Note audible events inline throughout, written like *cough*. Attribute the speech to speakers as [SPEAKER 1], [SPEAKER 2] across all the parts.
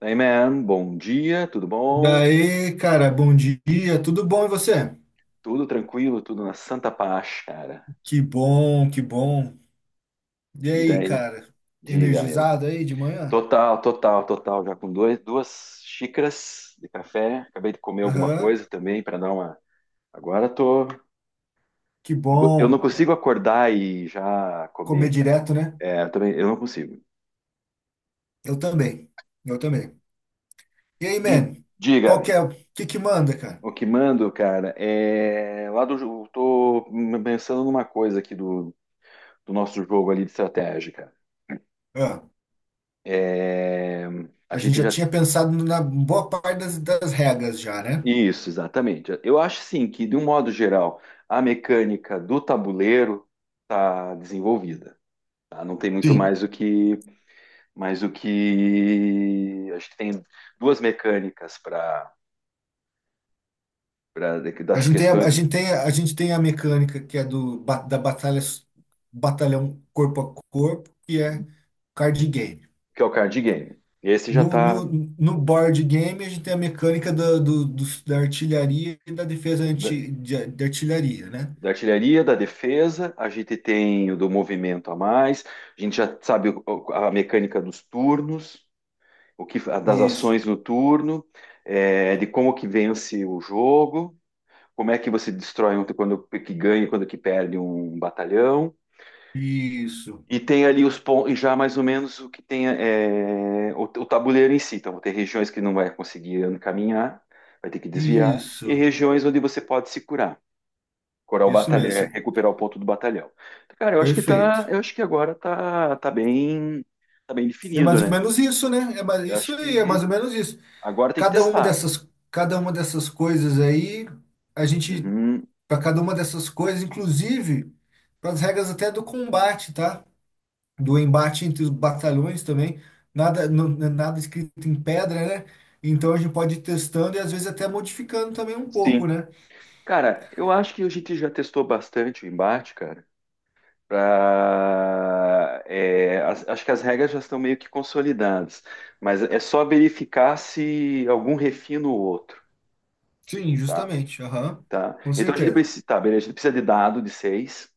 [SPEAKER 1] Daí, man, bom dia, tudo bom?
[SPEAKER 2] Daí, cara, bom dia, tudo bom e você?
[SPEAKER 1] Tudo tranquilo, tudo na santa paz, cara.
[SPEAKER 2] Que bom, que bom. E
[SPEAKER 1] E
[SPEAKER 2] aí,
[SPEAKER 1] daí?
[SPEAKER 2] cara,
[SPEAKER 1] Diga, meu.
[SPEAKER 2] energizado aí de manhã?
[SPEAKER 1] Total, total, total. Já com dois, duas xícaras de café. Acabei de comer alguma
[SPEAKER 2] Aham,
[SPEAKER 1] coisa também para dar uma. Agora tô.
[SPEAKER 2] que
[SPEAKER 1] Eu não
[SPEAKER 2] bom, cara.
[SPEAKER 1] consigo acordar e já
[SPEAKER 2] Comer
[SPEAKER 1] comer, cara.
[SPEAKER 2] direto, né?
[SPEAKER 1] É, eu também, eu não consigo.
[SPEAKER 2] Eu também, eu também. E aí,
[SPEAKER 1] E
[SPEAKER 2] man,
[SPEAKER 1] diga,
[SPEAKER 2] qual que é, o que que manda, cara?
[SPEAKER 1] o que mando, cara. Tô pensando numa coisa aqui do nosso jogo ali de estratégia, cara.
[SPEAKER 2] Ah,
[SPEAKER 1] É, a
[SPEAKER 2] a gente
[SPEAKER 1] gente
[SPEAKER 2] já
[SPEAKER 1] já.
[SPEAKER 2] tinha pensado na boa parte das regras já, né?
[SPEAKER 1] Isso, exatamente. Eu acho sim que, de um modo geral, a mecânica do tabuleiro está desenvolvida. Tá? Não tem muito
[SPEAKER 2] Sim.
[SPEAKER 1] mais o que, mais o que. Acho que tem duas mecânicas para
[SPEAKER 2] A
[SPEAKER 1] das
[SPEAKER 2] gente tem
[SPEAKER 1] questões
[SPEAKER 2] a gente tem a gente tem a mecânica que é do, ba- da batalha, batalhão corpo a corpo, que é card game.
[SPEAKER 1] que é o card game. Esse já
[SPEAKER 2] No,
[SPEAKER 1] está.
[SPEAKER 2] no, no board game, a gente tem a mecânica da da artilharia e da defesa
[SPEAKER 1] da,
[SPEAKER 2] anti, de artilharia, né?
[SPEAKER 1] da artilharia, da defesa. A gente tem o do movimento a mais. A gente já sabe a mecânica dos turnos, o que das
[SPEAKER 2] Isso.
[SPEAKER 1] ações no turno, de como que vence o jogo. Como é que você destrói um, quando que ganha, e quando que perde um batalhão.
[SPEAKER 2] Isso,
[SPEAKER 1] E tem ali os pontos, e já mais ou menos o que tem é o tabuleiro em si. Então, tem regiões que não vai conseguir caminhar, vai ter que desviar, e
[SPEAKER 2] isso,
[SPEAKER 1] regiões onde você pode se curar, curar o
[SPEAKER 2] isso
[SPEAKER 1] batalhão, é,
[SPEAKER 2] mesmo.
[SPEAKER 1] recuperar o ponto do batalhão. Então, cara, eu acho que tá,
[SPEAKER 2] Perfeito.
[SPEAKER 1] eu acho que agora tá bem, tá bem
[SPEAKER 2] É mais
[SPEAKER 1] definido,
[SPEAKER 2] ou
[SPEAKER 1] né?
[SPEAKER 2] menos isso, né? É mais,
[SPEAKER 1] Eu
[SPEAKER 2] isso
[SPEAKER 1] acho
[SPEAKER 2] aí, é mais
[SPEAKER 1] que
[SPEAKER 2] ou menos isso.
[SPEAKER 1] agora tem que
[SPEAKER 2] Cada uma
[SPEAKER 1] testar.
[SPEAKER 2] dessas, cada uma dessas coisas aí, a gente,
[SPEAKER 1] Uhum,
[SPEAKER 2] para cada uma dessas coisas, inclusive para as regras até do combate, tá? Do embate entre os batalhões também, nada, não, nada escrito em pedra, né? Então a gente pode ir testando e às vezes até modificando também um pouco,
[SPEAKER 1] sim.
[SPEAKER 2] né?
[SPEAKER 1] Cara, eu acho que a gente já testou bastante o embate, cara. Pra, acho que as regras já estão meio que consolidadas, mas é só verificar se algum refina o outro,
[SPEAKER 2] Sim,
[SPEAKER 1] tá?
[SPEAKER 2] justamente. Aham.
[SPEAKER 1] Tá?
[SPEAKER 2] Com
[SPEAKER 1] Então a gente
[SPEAKER 2] certeza.
[SPEAKER 1] precisa, tá, beleza, a gente precisa de dado de seis,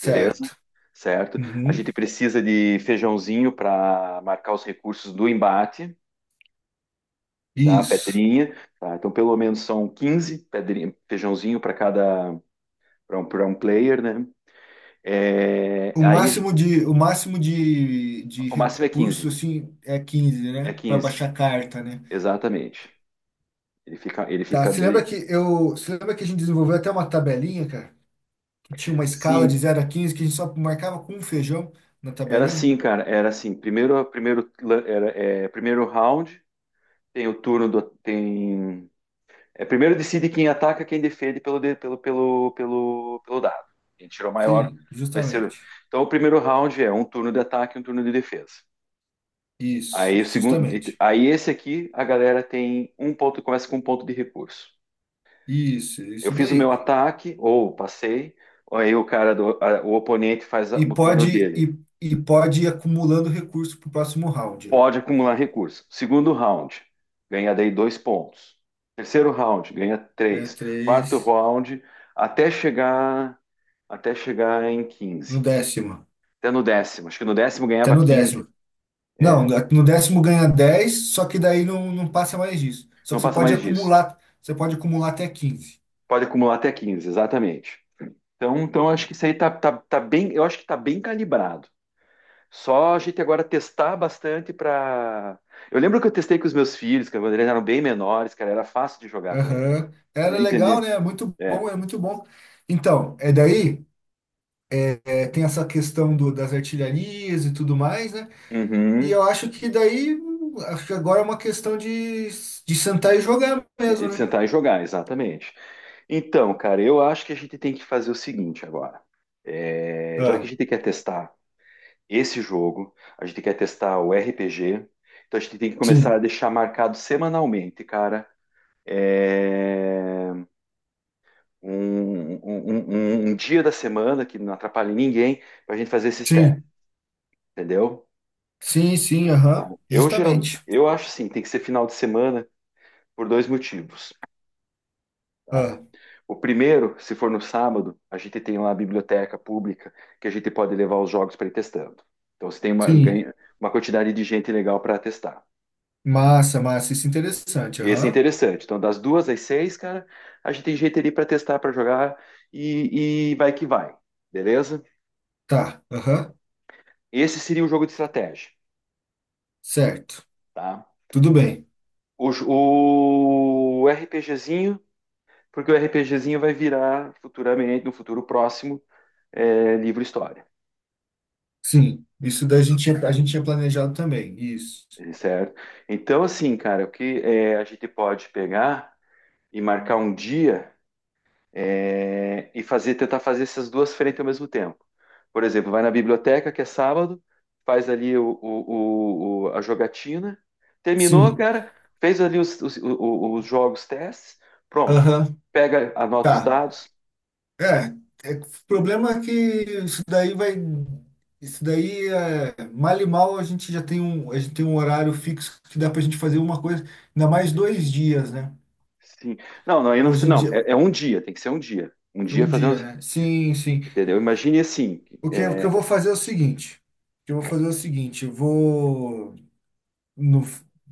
[SPEAKER 1] beleza? Certo? A gente
[SPEAKER 2] Uhum.
[SPEAKER 1] precisa de feijãozinho para marcar os recursos do embate, tá?
[SPEAKER 2] Isso.
[SPEAKER 1] Pedrinha, tá? Então pelo menos são 15 pedrinha, feijãozinho para cada para um, pra um player, né? É,
[SPEAKER 2] O
[SPEAKER 1] aí a gente.
[SPEAKER 2] máximo de, o máximo de, de
[SPEAKER 1] O máximo é
[SPEAKER 2] recurso,
[SPEAKER 1] 15.
[SPEAKER 2] assim, é 15,
[SPEAKER 1] É
[SPEAKER 2] né? Para
[SPEAKER 1] 15,
[SPEAKER 2] baixar carta, né?
[SPEAKER 1] exatamente. Ele fica, ele
[SPEAKER 2] Tá,
[SPEAKER 1] fica, ele...
[SPEAKER 2] você lembra que a gente desenvolveu até uma tabelinha, cara? Que tinha uma escala de
[SPEAKER 1] Sim,
[SPEAKER 2] 0 a 15 que a gente só marcava com um feijão na
[SPEAKER 1] era
[SPEAKER 2] tabelinha?
[SPEAKER 1] assim, cara, era assim. Primeiro, era, primeiro round, tem o turno do, tem, é primeiro decide quem ataca, quem defende pelo, de- pelo, pelo, pelo, pelo dado. Quem tirou maior
[SPEAKER 2] Sim,
[SPEAKER 1] vai ser.
[SPEAKER 2] justamente.
[SPEAKER 1] Então, o primeiro round é um turno de ataque, e um turno de defesa.
[SPEAKER 2] Isso,
[SPEAKER 1] Aí o segundo,
[SPEAKER 2] justamente.
[SPEAKER 1] aí esse aqui, a galera tem um ponto, começa com um ponto de recurso.
[SPEAKER 2] Isso, é
[SPEAKER 1] Eu
[SPEAKER 2] isso
[SPEAKER 1] fiz o meu
[SPEAKER 2] daí.
[SPEAKER 1] ataque ou passei, aí o cara do, o oponente faz
[SPEAKER 2] E
[SPEAKER 1] o turno
[SPEAKER 2] pode,
[SPEAKER 1] dele.
[SPEAKER 2] e, e pode ir acumulando recurso para o próximo round, né?
[SPEAKER 1] Pode acumular recurso. Segundo round, ganha daí dois pontos. Terceiro round, ganha
[SPEAKER 2] Ganha
[SPEAKER 1] três. Quarto
[SPEAKER 2] três
[SPEAKER 1] round, até chegar até chegar em
[SPEAKER 2] no
[SPEAKER 1] 15.
[SPEAKER 2] décimo.
[SPEAKER 1] Até no 10º. Acho que no 10º
[SPEAKER 2] Até
[SPEAKER 1] ganhava
[SPEAKER 2] no
[SPEAKER 1] 15.
[SPEAKER 2] décimo. Não,
[SPEAKER 1] É,
[SPEAKER 2] no décimo ganha 10, só que daí não passa mais disso. Só
[SPEAKER 1] não
[SPEAKER 2] que você
[SPEAKER 1] passa
[SPEAKER 2] pode
[SPEAKER 1] mais disso.
[SPEAKER 2] acumular, até 15.
[SPEAKER 1] Pode acumular até 15, exatamente. Então, acho que isso aí tá, tá, bem, eu acho que tá bem calibrado. Só a gente agora testar bastante para. Eu lembro que eu testei com os meus filhos, que quando eles eram bem menores, cara, era fácil de jogar com eles.
[SPEAKER 2] Aham. Era
[SPEAKER 1] Eles
[SPEAKER 2] legal,
[SPEAKER 1] entenderam.
[SPEAKER 2] né? É muito
[SPEAKER 1] É.
[SPEAKER 2] bom, é muito bom. Então, é daí, é, tem essa questão do, das artilharias e tudo mais, né? E
[SPEAKER 1] Uhum.
[SPEAKER 2] eu acho que daí, acho que agora é uma questão de sentar e jogar mesmo,
[SPEAKER 1] E
[SPEAKER 2] né?
[SPEAKER 1] sentar e jogar, exatamente. Então, cara, eu acho que a gente tem que fazer o seguinte agora. É, já que
[SPEAKER 2] Ah,
[SPEAKER 1] a gente quer testar esse jogo, a gente quer testar o RPG, então a gente tem que começar a
[SPEAKER 2] sim,
[SPEAKER 1] deixar marcado semanalmente, cara. É, um dia da semana que não atrapalhe ninguém pra gente fazer esses testes,
[SPEAKER 2] sim,
[SPEAKER 1] entendeu?
[SPEAKER 2] sim, sim, aham,
[SPEAKER 1] Eu geralmente,
[SPEAKER 2] justamente.
[SPEAKER 1] eu acho assim, tem que ser final de semana por dois motivos. Tá?
[SPEAKER 2] Ah,
[SPEAKER 1] O primeiro, se for no sábado, a gente tem lá a biblioteca pública que a gente pode levar os jogos para ir testando. Então você tem uma,
[SPEAKER 2] sim,
[SPEAKER 1] ganha, uma quantidade de gente legal para testar.
[SPEAKER 2] massa, massa, isso é interessante,
[SPEAKER 1] Esse é
[SPEAKER 2] aham,
[SPEAKER 1] interessante. Então, das duas às seis, cara, a gente tem gente ali para testar, para jogar e, vai que vai, beleza?
[SPEAKER 2] tá, aham,
[SPEAKER 1] Esse seria o jogo de estratégia,
[SPEAKER 2] certo,
[SPEAKER 1] tá?
[SPEAKER 2] tudo bem,
[SPEAKER 1] O RPGzinho, porque o RPGzinho vai virar futuramente, no futuro próximo, livro história.
[SPEAKER 2] sim, isso daí a gente tinha planejado também, isso,
[SPEAKER 1] Certo? Então, assim, cara, o que é, a gente pode pegar e marcar um dia, e fazer, tentar fazer essas duas frentes ao mesmo tempo. Por exemplo, vai na biblioteca, que é sábado, faz ali a jogatina, terminou,
[SPEAKER 2] sim,
[SPEAKER 1] cara, fez ali os jogos, testes, pronto.
[SPEAKER 2] aham,
[SPEAKER 1] Pega, anota os
[SPEAKER 2] tá.
[SPEAKER 1] dados.
[SPEAKER 2] É, é, o problema é que isso daí vai. Isso daí é mal e mal a gente tem um horário fixo que dá pra gente fazer uma coisa, ainda mais dois dias, né?
[SPEAKER 1] Sim. Não, não, aí não,
[SPEAKER 2] Hoje em
[SPEAKER 1] não,
[SPEAKER 2] dia,
[SPEAKER 1] é um dia, tem que ser um dia. Um dia
[SPEAKER 2] um dia,
[SPEAKER 1] fazendo,
[SPEAKER 2] né? Sim, sim.
[SPEAKER 1] entendeu? Imagine assim.
[SPEAKER 2] O que
[SPEAKER 1] é,
[SPEAKER 2] eu vou fazer é o seguinte. O que eu vou fazer é o seguinte: eu vou no,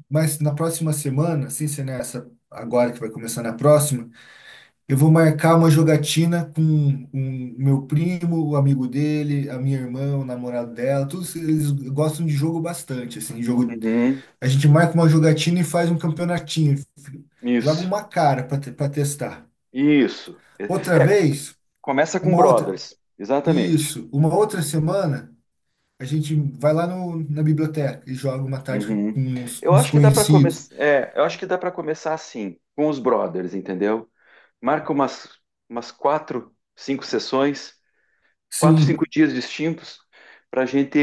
[SPEAKER 2] mas na próxima semana, assim, se nessa agora que vai começar na próxima, eu vou marcar uma jogatina com meu primo, o amigo dele, a minha irmã, o namorado dela, todos eles gostam de jogo bastante, assim, jogo.
[SPEAKER 1] uhum,
[SPEAKER 2] A gente marca uma jogatina e faz um campeonatinho, joga
[SPEAKER 1] isso,
[SPEAKER 2] uma cara para testar.
[SPEAKER 1] isso.
[SPEAKER 2] Outra vez,
[SPEAKER 1] Começa com
[SPEAKER 2] uma outra,
[SPEAKER 1] Brothers, exatamente.
[SPEAKER 2] isso, uma outra semana, a gente vai lá no, na biblioteca e joga uma tarde com
[SPEAKER 1] Uhum.
[SPEAKER 2] uns
[SPEAKER 1] Eu acho que dá para
[SPEAKER 2] desconhecidos.
[SPEAKER 1] começar, eu acho que dá para começar assim, com os Brothers, entendeu? Marca umas quatro, cinco sessões, quatro, cinco
[SPEAKER 2] Sim,
[SPEAKER 1] dias distintos para gente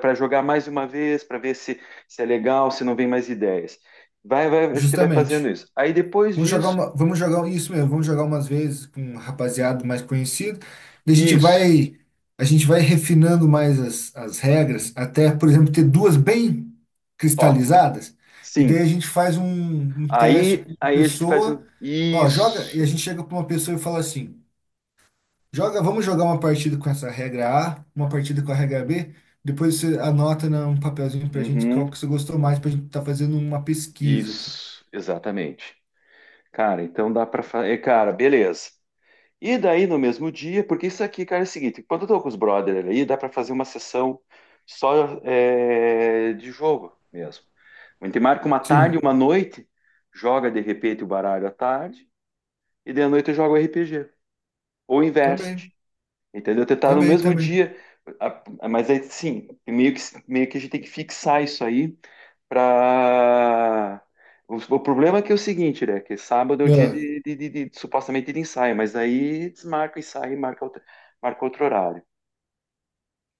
[SPEAKER 1] para jogar mais uma vez, para ver se é legal, se não vem mais ideias. Vai, vai, a gente vai fazendo
[SPEAKER 2] justamente.
[SPEAKER 1] isso. Aí depois
[SPEAKER 2] Vamos jogar
[SPEAKER 1] disso,
[SPEAKER 2] uma, vamos jogar um, isso mesmo, vamos jogar umas vezes com um rapaziada mais conhecido, e a gente
[SPEAKER 1] isso,
[SPEAKER 2] vai, a gente vai refinando mais as regras, até, por exemplo, ter duas bem
[SPEAKER 1] top.
[SPEAKER 2] cristalizadas, e daí
[SPEAKER 1] Sim.
[SPEAKER 2] a gente faz um teste
[SPEAKER 1] Aí,
[SPEAKER 2] com
[SPEAKER 1] aí a gente faz um
[SPEAKER 2] pessoa, ó, joga, e
[SPEAKER 1] isso.
[SPEAKER 2] a gente chega para uma pessoa e fala assim: "Joga, vamos jogar uma partida com essa regra A, uma partida com a regra B, depois você anota num papelzinho pra gente qual
[SPEAKER 1] Uhum.
[SPEAKER 2] que você gostou mais pra gente estar fazendo uma pesquisa aqui".
[SPEAKER 1] Isso, exatamente. Cara, então dá pra fazer. Cara, beleza. E daí no mesmo dia, porque isso aqui, cara, é o seguinte: quando eu tô com os brothers aí, dá pra fazer uma sessão só, de jogo mesmo. A gente marca uma tarde,
[SPEAKER 2] Sim,
[SPEAKER 1] uma noite, joga de repente o baralho à tarde, e de noite eu jogo RPG. Ou inverte,
[SPEAKER 2] também,
[SPEAKER 1] entendeu? Tentar no
[SPEAKER 2] também,
[SPEAKER 1] mesmo
[SPEAKER 2] também.
[SPEAKER 1] dia. Mas aí sim, meio que a gente tem que fixar isso aí. Pra... O problema é que é o seguinte, né? Que sábado é o dia
[SPEAKER 2] É,
[SPEAKER 1] de supostamente de ensaio, mas aí desmarca o ensaio e marca outro horário,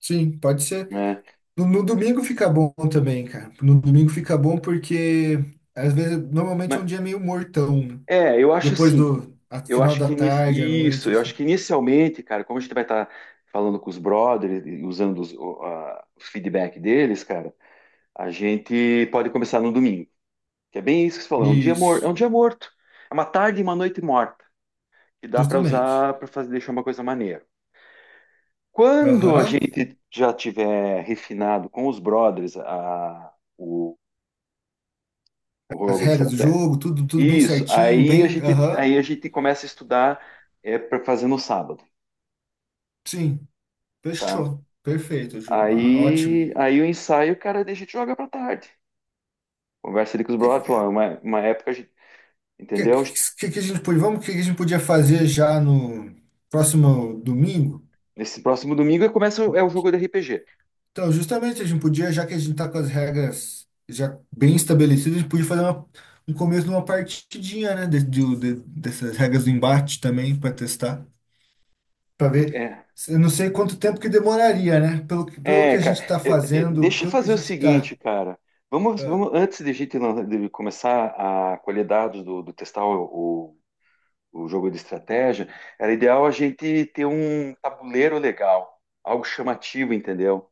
[SPEAKER 2] sim, pode ser.
[SPEAKER 1] né?
[SPEAKER 2] No domingo fica bom também, cara. No domingo fica bom porque às vezes normalmente é
[SPEAKER 1] Mas,
[SPEAKER 2] um dia meio mortão, né?
[SPEAKER 1] eu acho
[SPEAKER 2] Depois
[SPEAKER 1] assim que
[SPEAKER 2] do
[SPEAKER 1] eu
[SPEAKER 2] final
[SPEAKER 1] acho
[SPEAKER 2] da
[SPEAKER 1] que
[SPEAKER 2] tarde, à
[SPEAKER 1] isso,
[SPEAKER 2] noite,
[SPEAKER 1] eu
[SPEAKER 2] assim.
[SPEAKER 1] acho que inicialmente, cara, como a gente vai estar falando com os brothers, e usando o feedback deles, cara, a gente pode começar no domingo, que é bem isso que você falou, é um dia morto, é
[SPEAKER 2] Isso,
[SPEAKER 1] um dia morto, é uma tarde e uma noite morta, que dá para
[SPEAKER 2] justamente.
[SPEAKER 1] usar para fazer deixar uma coisa maneira. Quando a
[SPEAKER 2] Aham.
[SPEAKER 1] gente já tiver refinado com os brothers o
[SPEAKER 2] As
[SPEAKER 1] jogo de
[SPEAKER 2] regras do
[SPEAKER 1] estratégia,
[SPEAKER 2] jogo, tudo bem
[SPEAKER 1] isso,
[SPEAKER 2] certinho,
[SPEAKER 1] aí a
[SPEAKER 2] bem.
[SPEAKER 1] gente,
[SPEAKER 2] Aham.
[SPEAKER 1] aí a gente começa a estudar, para fazer no sábado,
[SPEAKER 2] Sim,
[SPEAKER 1] tá?
[SPEAKER 2] fechou. Perfeito, Ju. Ah, ótimo.
[SPEAKER 1] Aí,
[SPEAKER 2] O
[SPEAKER 1] aí o ensaio, cara, a gente joga para tarde. Conversa ali com os
[SPEAKER 2] que,
[SPEAKER 1] brothers, fala,
[SPEAKER 2] que,
[SPEAKER 1] "Ó, uma época, a gente,
[SPEAKER 2] que,
[SPEAKER 1] entendeu?
[SPEAKER 2] que a gente, que a gente podia fazer já no próximo domingo?
[SPEAKER 1] Nesse próximo domingo começa é o jogo de RPG.
[SPEAKER 2] Então, justamente, a gente podia, já que a gente tá com as regras já bem estabelecidas, a gente podia fazer um começo de uma partidinha, né? Dessas regras do embate também, para testar, para ver. Eu não sei quanto tempo que demoraria, né? Pelo, pelo
[SPEAKER 1] É,
[SPEAKER 2] que a
[SPEAKER 1] cara,
[SPEAKER 2] gente está fazendo,
[SPEAKER 1] deixa eu
[SPEAKER 2] pelo que a
[SPEAKER 1] fazer o
[SPEAKER 2] gente está.
[SPEAKER 1] seguinte, cara. Vamos, vamos antes de a gente de começar a colher dados do testar o jogo de estratégia, era ideal a gente ter um tabuleiro legal, algo chamativo, entendeu?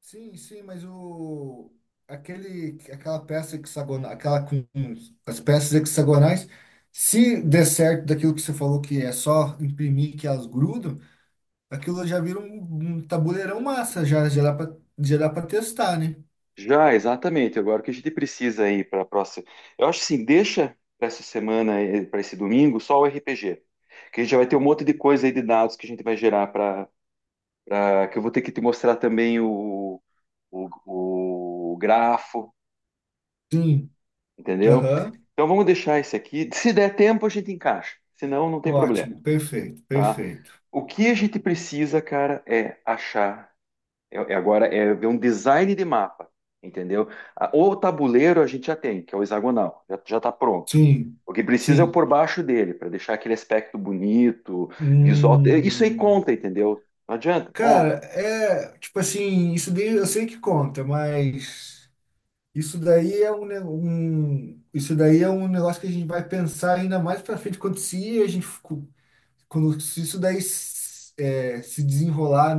[SPEAKER 2] Sim, sim, mas o aquele aquela peça hexagonal, aquela com as peças hexagonais, se der certo daquilo que você falou que é só imprimir que elas grudam, aquilo já vira um tabuleirão massa, já, já dá pra testar, né?
[SPEAKER 1] Já, exatamente. Agora, o que a gente precisa aí para a próxima? Eu acho assim, deixa para essa semana, para esse domingo, só o RPG. Que a gente já vai ter um monte de coisa aí de dados que a gente vai gerar para que eu vou ter que te mostrar também o grafo,
[SPEAKER 2] Sim.
[SPEAKER 1] entendeu?
[SPEAKER 2] Aham.
[SPEAKER 1] Então vamos deixar esse aqui. *laughs* Se der tempo, a gente encaixa. Se não, não tem problema,
[SPEAKER 2] Ótimo. Perfeito,
[SPEAKER 1] tá?
[SPEAKER 2] perfeito.
[SPEAKER 1] O que a gente precisa, cara, é achar. Agora é ver um design de mapa, entendeu? O tabuleiro a gente já tem, que é o hexagonal, já tá pronto.
[SPEAKER 2] Sim,
[SPEAKER 1] O que precisa é o
[SPEAKER 2] sim.
[SPEAKER 1] por baixo dele, para deixar aquele aspecto bonito, visual. Isso aí
[SPEAKER 2] Hum,
[SPEAKER 1] conta, entendeu? Não adianta, conta.
[SPEAKER 2] cara, é tipo assim, isso daí eu sei que conta, mas isso daí é um isso daí é um negócio que a gente vai pensar ainda mais pra frente quando se a gente ficou- quando se isso daí se desenrolar.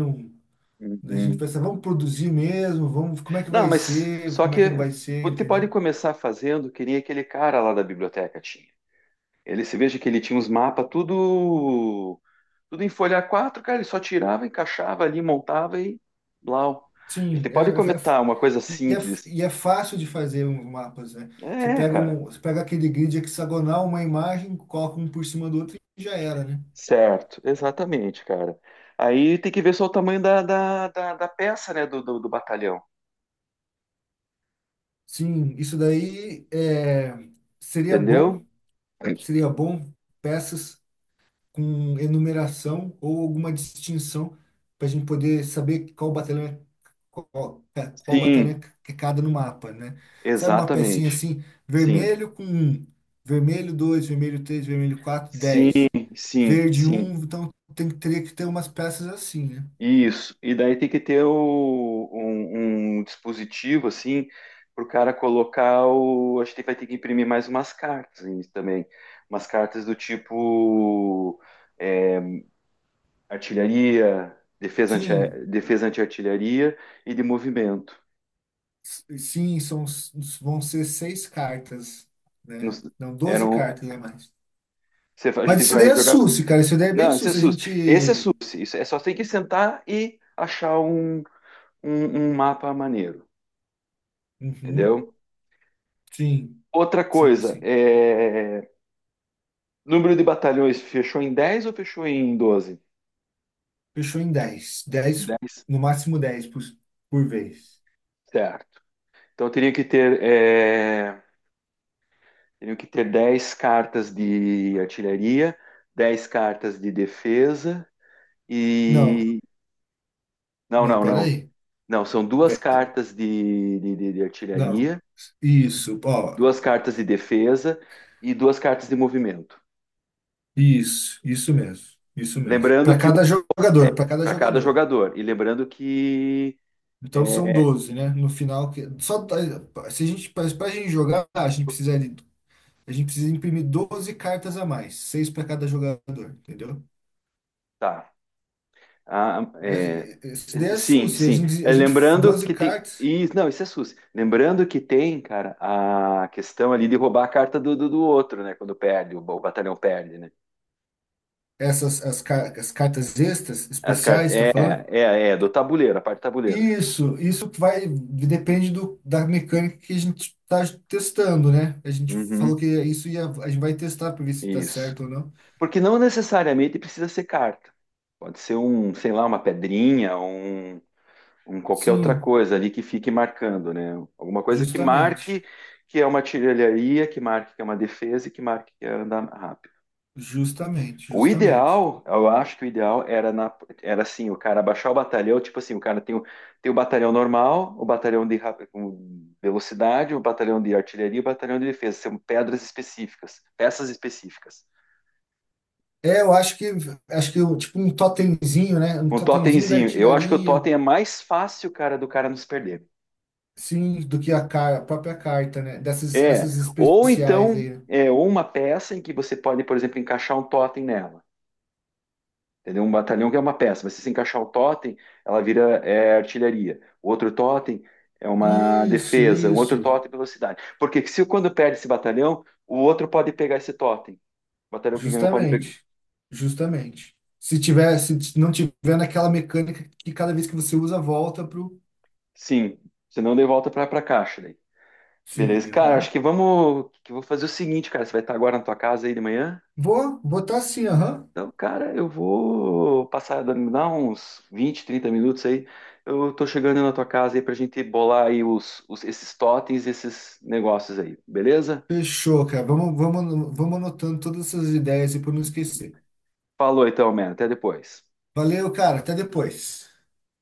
[SPEAKER 2] A gente
[SPEAKER 1] Uhum.
[SPEAKER 2] pensa, vamos produzir mesmo, vamos, como é que
[SPEAKER 1] Não,
[SPEAKER 2] vai
[SPEAKER 1] mas
[SPEAKER 2] ser,
[SPEAKER 1] só
[SPEAKER 2] como
[SPEAKER 1] que
[SPEAKER 2] é que não vai ser,
[SPEAKER 1] você pode
[SPEAKER 2] entendeu?
[SPEAKER 1] começar fazendo, que nem aquele cara lá da biblioteca tinha. Ele, se veja que ele tinha uns mapas tudo, tudo em folha A4, cara, ele só tirava, encaixava ali, montava e blau. A gente
[SPEAKER 2] Sim,
[SPEAKER 1] pode começar uma coisa
[SPEAKER 2] e, é,
[SPEAKER 1] simples.
[SPEAKER 2] é fácil de fazer os mapas, né? Você
[SPEAKER 1] É,
[SPEAKER 2] pega
[SPEAKER 1] cara,
[SPEAKER 2] um, você pega aquele grid hexagonal, uma imagem, coloca um por cima do outro e já era, né?
[SPEAKER 1] certo, exatamente, cara. Aí tem que ver só o tamanho da peça, né, do batalhão,
[SPEAKER 2] Sim, isso daí seria bom,
[SPEAKER 1] entendeu?
[SPEAKER 2] seria bom peças com enumeração ou alguma distinção para a gente poder saber qual batalhão é, qual batalhão
[SPEAKER 1] Sim,
[SPEAKER 2] é que cada no mapa, né? Sabe uma pecinha
[SPEAKER 1] exatamente.
[SPEAKER 2] assim,
[SPEAKER 1] Sim,
[SPEAKER 2] vermelho com um, vermelho 2, vermelho 3, vermelho quatro,
[SPEAKER 1] sim,
[SPEAKER 2] 10,
[SPEAKER 1] sim,
[SPEAKER 2] verde
[SPEAKER 1] sim.
[SPEAKER 2] um, então tem que teria que ter umas peças assim, né?
[SPEAKER 1] Isso, e daí tem que ter um dispositivo assim para o cara colocar o. A gente vai ter que imprimir mais umas cartas aí também. Umas cartas do tipo é, artilharia,
[SPEAKER 2] Sim,
[SPEAKER 1] defesa anti-artilharia e de movimento.
[SPEAKER 2] s- sim, são, vão ser seis cartas, né?
[SPEAKER 1] Nos-
[SPEAKER 2] Não, 12
[SPEAKER 1] Eram,
[SPEAKER 2] cartas a mais.
[SPEAKER 1] a gente
[SPEAKER 2] Mas isso daí
[SPEAKER 1] vai
[SPEAKER 2] é
[SPEAKER 1] jogar.
[SPEAKER 2] susse, cara. Isso daí é bem
[SPEAKER 1] Não, esse é
[SPEAKER 2] susse. A
[SPEAKER 1] SUS. Esse é
[SPEAKER 2] gente.
[SPEAKER 1] SUS. Isso é só tem que sentar e achar um, um mapa maneiro, entendeu?
[SPEAKER 2] Uhum, sim.
[SPEAKER 1] Outra
[SPEAKER 2] Sim,
[SPEAKER 1] coisa,
[SPEAKER 2] sim.
[SPEAKER 1] é Número de batalhões fechou em 10 ou fechou em 12?
[SPEAKER 2] Fechou em dez,
[SPEAKER 1] 10.
[SPEAKER 2] no máximo 10 por vez.
[SPEAKER 1] Certo. Então eu teria que ter, teriam que ter 10 cartas de artilharia, 10 cartas de defesa
[SPEAKER 2] Não,
[SPEAKER 1] e. Não,
[SPEAKER 2] não,
[SPEAKER 1] não, não.
[SPEAKER 2] peraí.
[SPEAKER 1] Não, são duas
[SPEAKER 2] De-
[SPEAKER 1] cartas de
[SPEAKER 2] Não,
[SPEAKER 1] artilharia,
[SPEAKER 2] isso, ó,
[SPEAKER 1] duas cartas de defesa e duas cartas de movimento.
[SPEAKER 2] isso mesmo, isso mesmo.
[SPEAKER 1] Lembrando
[SPEAKER 2] Para
[SPEAKER 1] que
[SPEAKER 2] cada jogador, para cada
[SPEAKER 1] para cada
[SPEAKER 2] jogador.
[SPEAKER 1] jogador. E lembrando que.
[SPEAKER 2] Então são
[SPEAKER 1] é,
[SPEAKER 2] 12, né? No final, que só se a gente, para a gente jogar, a gente precisa imprimir 12 cartas a mais, seis para cada jogador, entendeu?
[SPEAKER 1] Tá. Ah, é,
[SPEAKER 2] É, é, isso daí é
[SPEAKER 1] sim,
[SPEAKER 2] SUS. A
[SPEAKER 1] sim.
[SPEAKER 2] gente,
[SPEAKER 1] É,
[SPEAKER 2] a gente,
[SPEAKER 1] lembrando
[SPEAKER 2] 12
[SPEAKER 1] que tem.
[SPEAKER 2] cartas.
[SPEAKER 1] E, não, isso é SUS. Lembrando que tem, cara, a questão ali de roubar a carta do outro, né? Quando perde, o batalhão perde, né?
[SPEAKER 2] Essas as as cartas extras,
[SPEAKER 1] As cartas.
[SPEAKER 2] especiais, está
[SPEAKER 1] É,
[SPEAKER 2] falando?
[SPEAKER 1] é, é, do tabuleiro, a parte do tabuleiro.
[SPEAKER 2] Isso vai, depende da mecânica que a gente está testando, né? A gente falou
[SPEAKER 1] Uhum,
[SPEAKER 2] que isso ia, a gente vai testar para ver se está
[SPEAKER 1] isso.
[SPEAKER 2] certo ou não.
[SPEAKER 1] Porque não necessariamente precisa ser carta. Pode ser um, sei lá, uma pedrinha, um qualquer outra
[SPEAKER 2] Sim,
[SPEAKER 1] coisa ali que fique marcando, né? Alguma coisa que
[SPEAKER 2] justamente,
[SPEAKER 1] marque que é uma artilharia, que marque que é uma defesa e que marque que é andar rápido.
[SPEAKER 2] justamente,
[SPEAKER 1] O
[SPEAKER 2] justamente.
[SPEAKER 1] ideal, eu acho que o ideal era, na, era assim, o cara baixar o batalhão, tipo assim, o cara tem o, batalhão normal, o batalhão de com velocidade, o batalhão de artilharia, e o batalhão de defesa, são pedras específicas, peças específicas.
[SPEAKER 2] É, eu acho que eu- tipo um totemzinho, né? Um
[SPEAKER 1] Um
[SPEAKER 2] totemzinho da
[SPEAKER 1] totemzinho, eu acho que o
[SPEAKER 2] artilharia,
[SPEAKER 1] totem é mais fácil, cara, do cara nos perder.
[SPEAKER 2] sim, do que a própria carta, né? Dessas
[SPEAKER 1] É,
[SPEAKER 2] essas
[SPEAKER 1] ou
[SPEAKER 2] especiais
[SPEAKER 1] então,
[SPEAKER 2] aí. Né?
[SPEAKER 1] ou uma peça em que você pode, por exemplo, encaixar um totem nela. Entendeu? Um batalhão que é uma peça. Mas se você encaixar o totem, ela vira, artilharia. O outro totem é uma
[SPEAKER 2] Isso,
[SPEAKER 1] defesa. O outro
[SPEAKER 2] isso.
[SPEAKER 1] totem é velocidade. Porque se quando perde esse batalhão, o outro pode pegar esse totem. O batalhão que ganhou pode pegar.
[SPEAKER 2] Justamente, justamente. Se tiver, se t- Não tiver naquela mecânica que cada vez que você usa, volta pro.
[SPEAKER 1] Sim. Senão daí volta pra caixa daí. Beleza.
[SPEAKER 2] Sim,
[SPEAKER 1] Cara, acho
[SPEAKER 2] aham.
[SPEAKER 1] que vamos. Que eu vou fazer o seguinte, cara. Você vai estar agora na tua casa aí de manhã?
[SPEAKER 2] Vou botar assim, aham.
[SPEAKER 1] Então, cara, eu vou passar, dá uns 20, 30 minutos aí. Eu tô chegando na tua casa aí pra gente bolar aí os, esses totens, esses negócios aí, beleza?
[SPEAKER 2] Fechou, cara. Vamos anotando todas essas ideias e para não esquecer.
[SPEAKER 1] Falou então, mano. Até depois.
[SPEAKER 2] Valeu, cara. Até depois.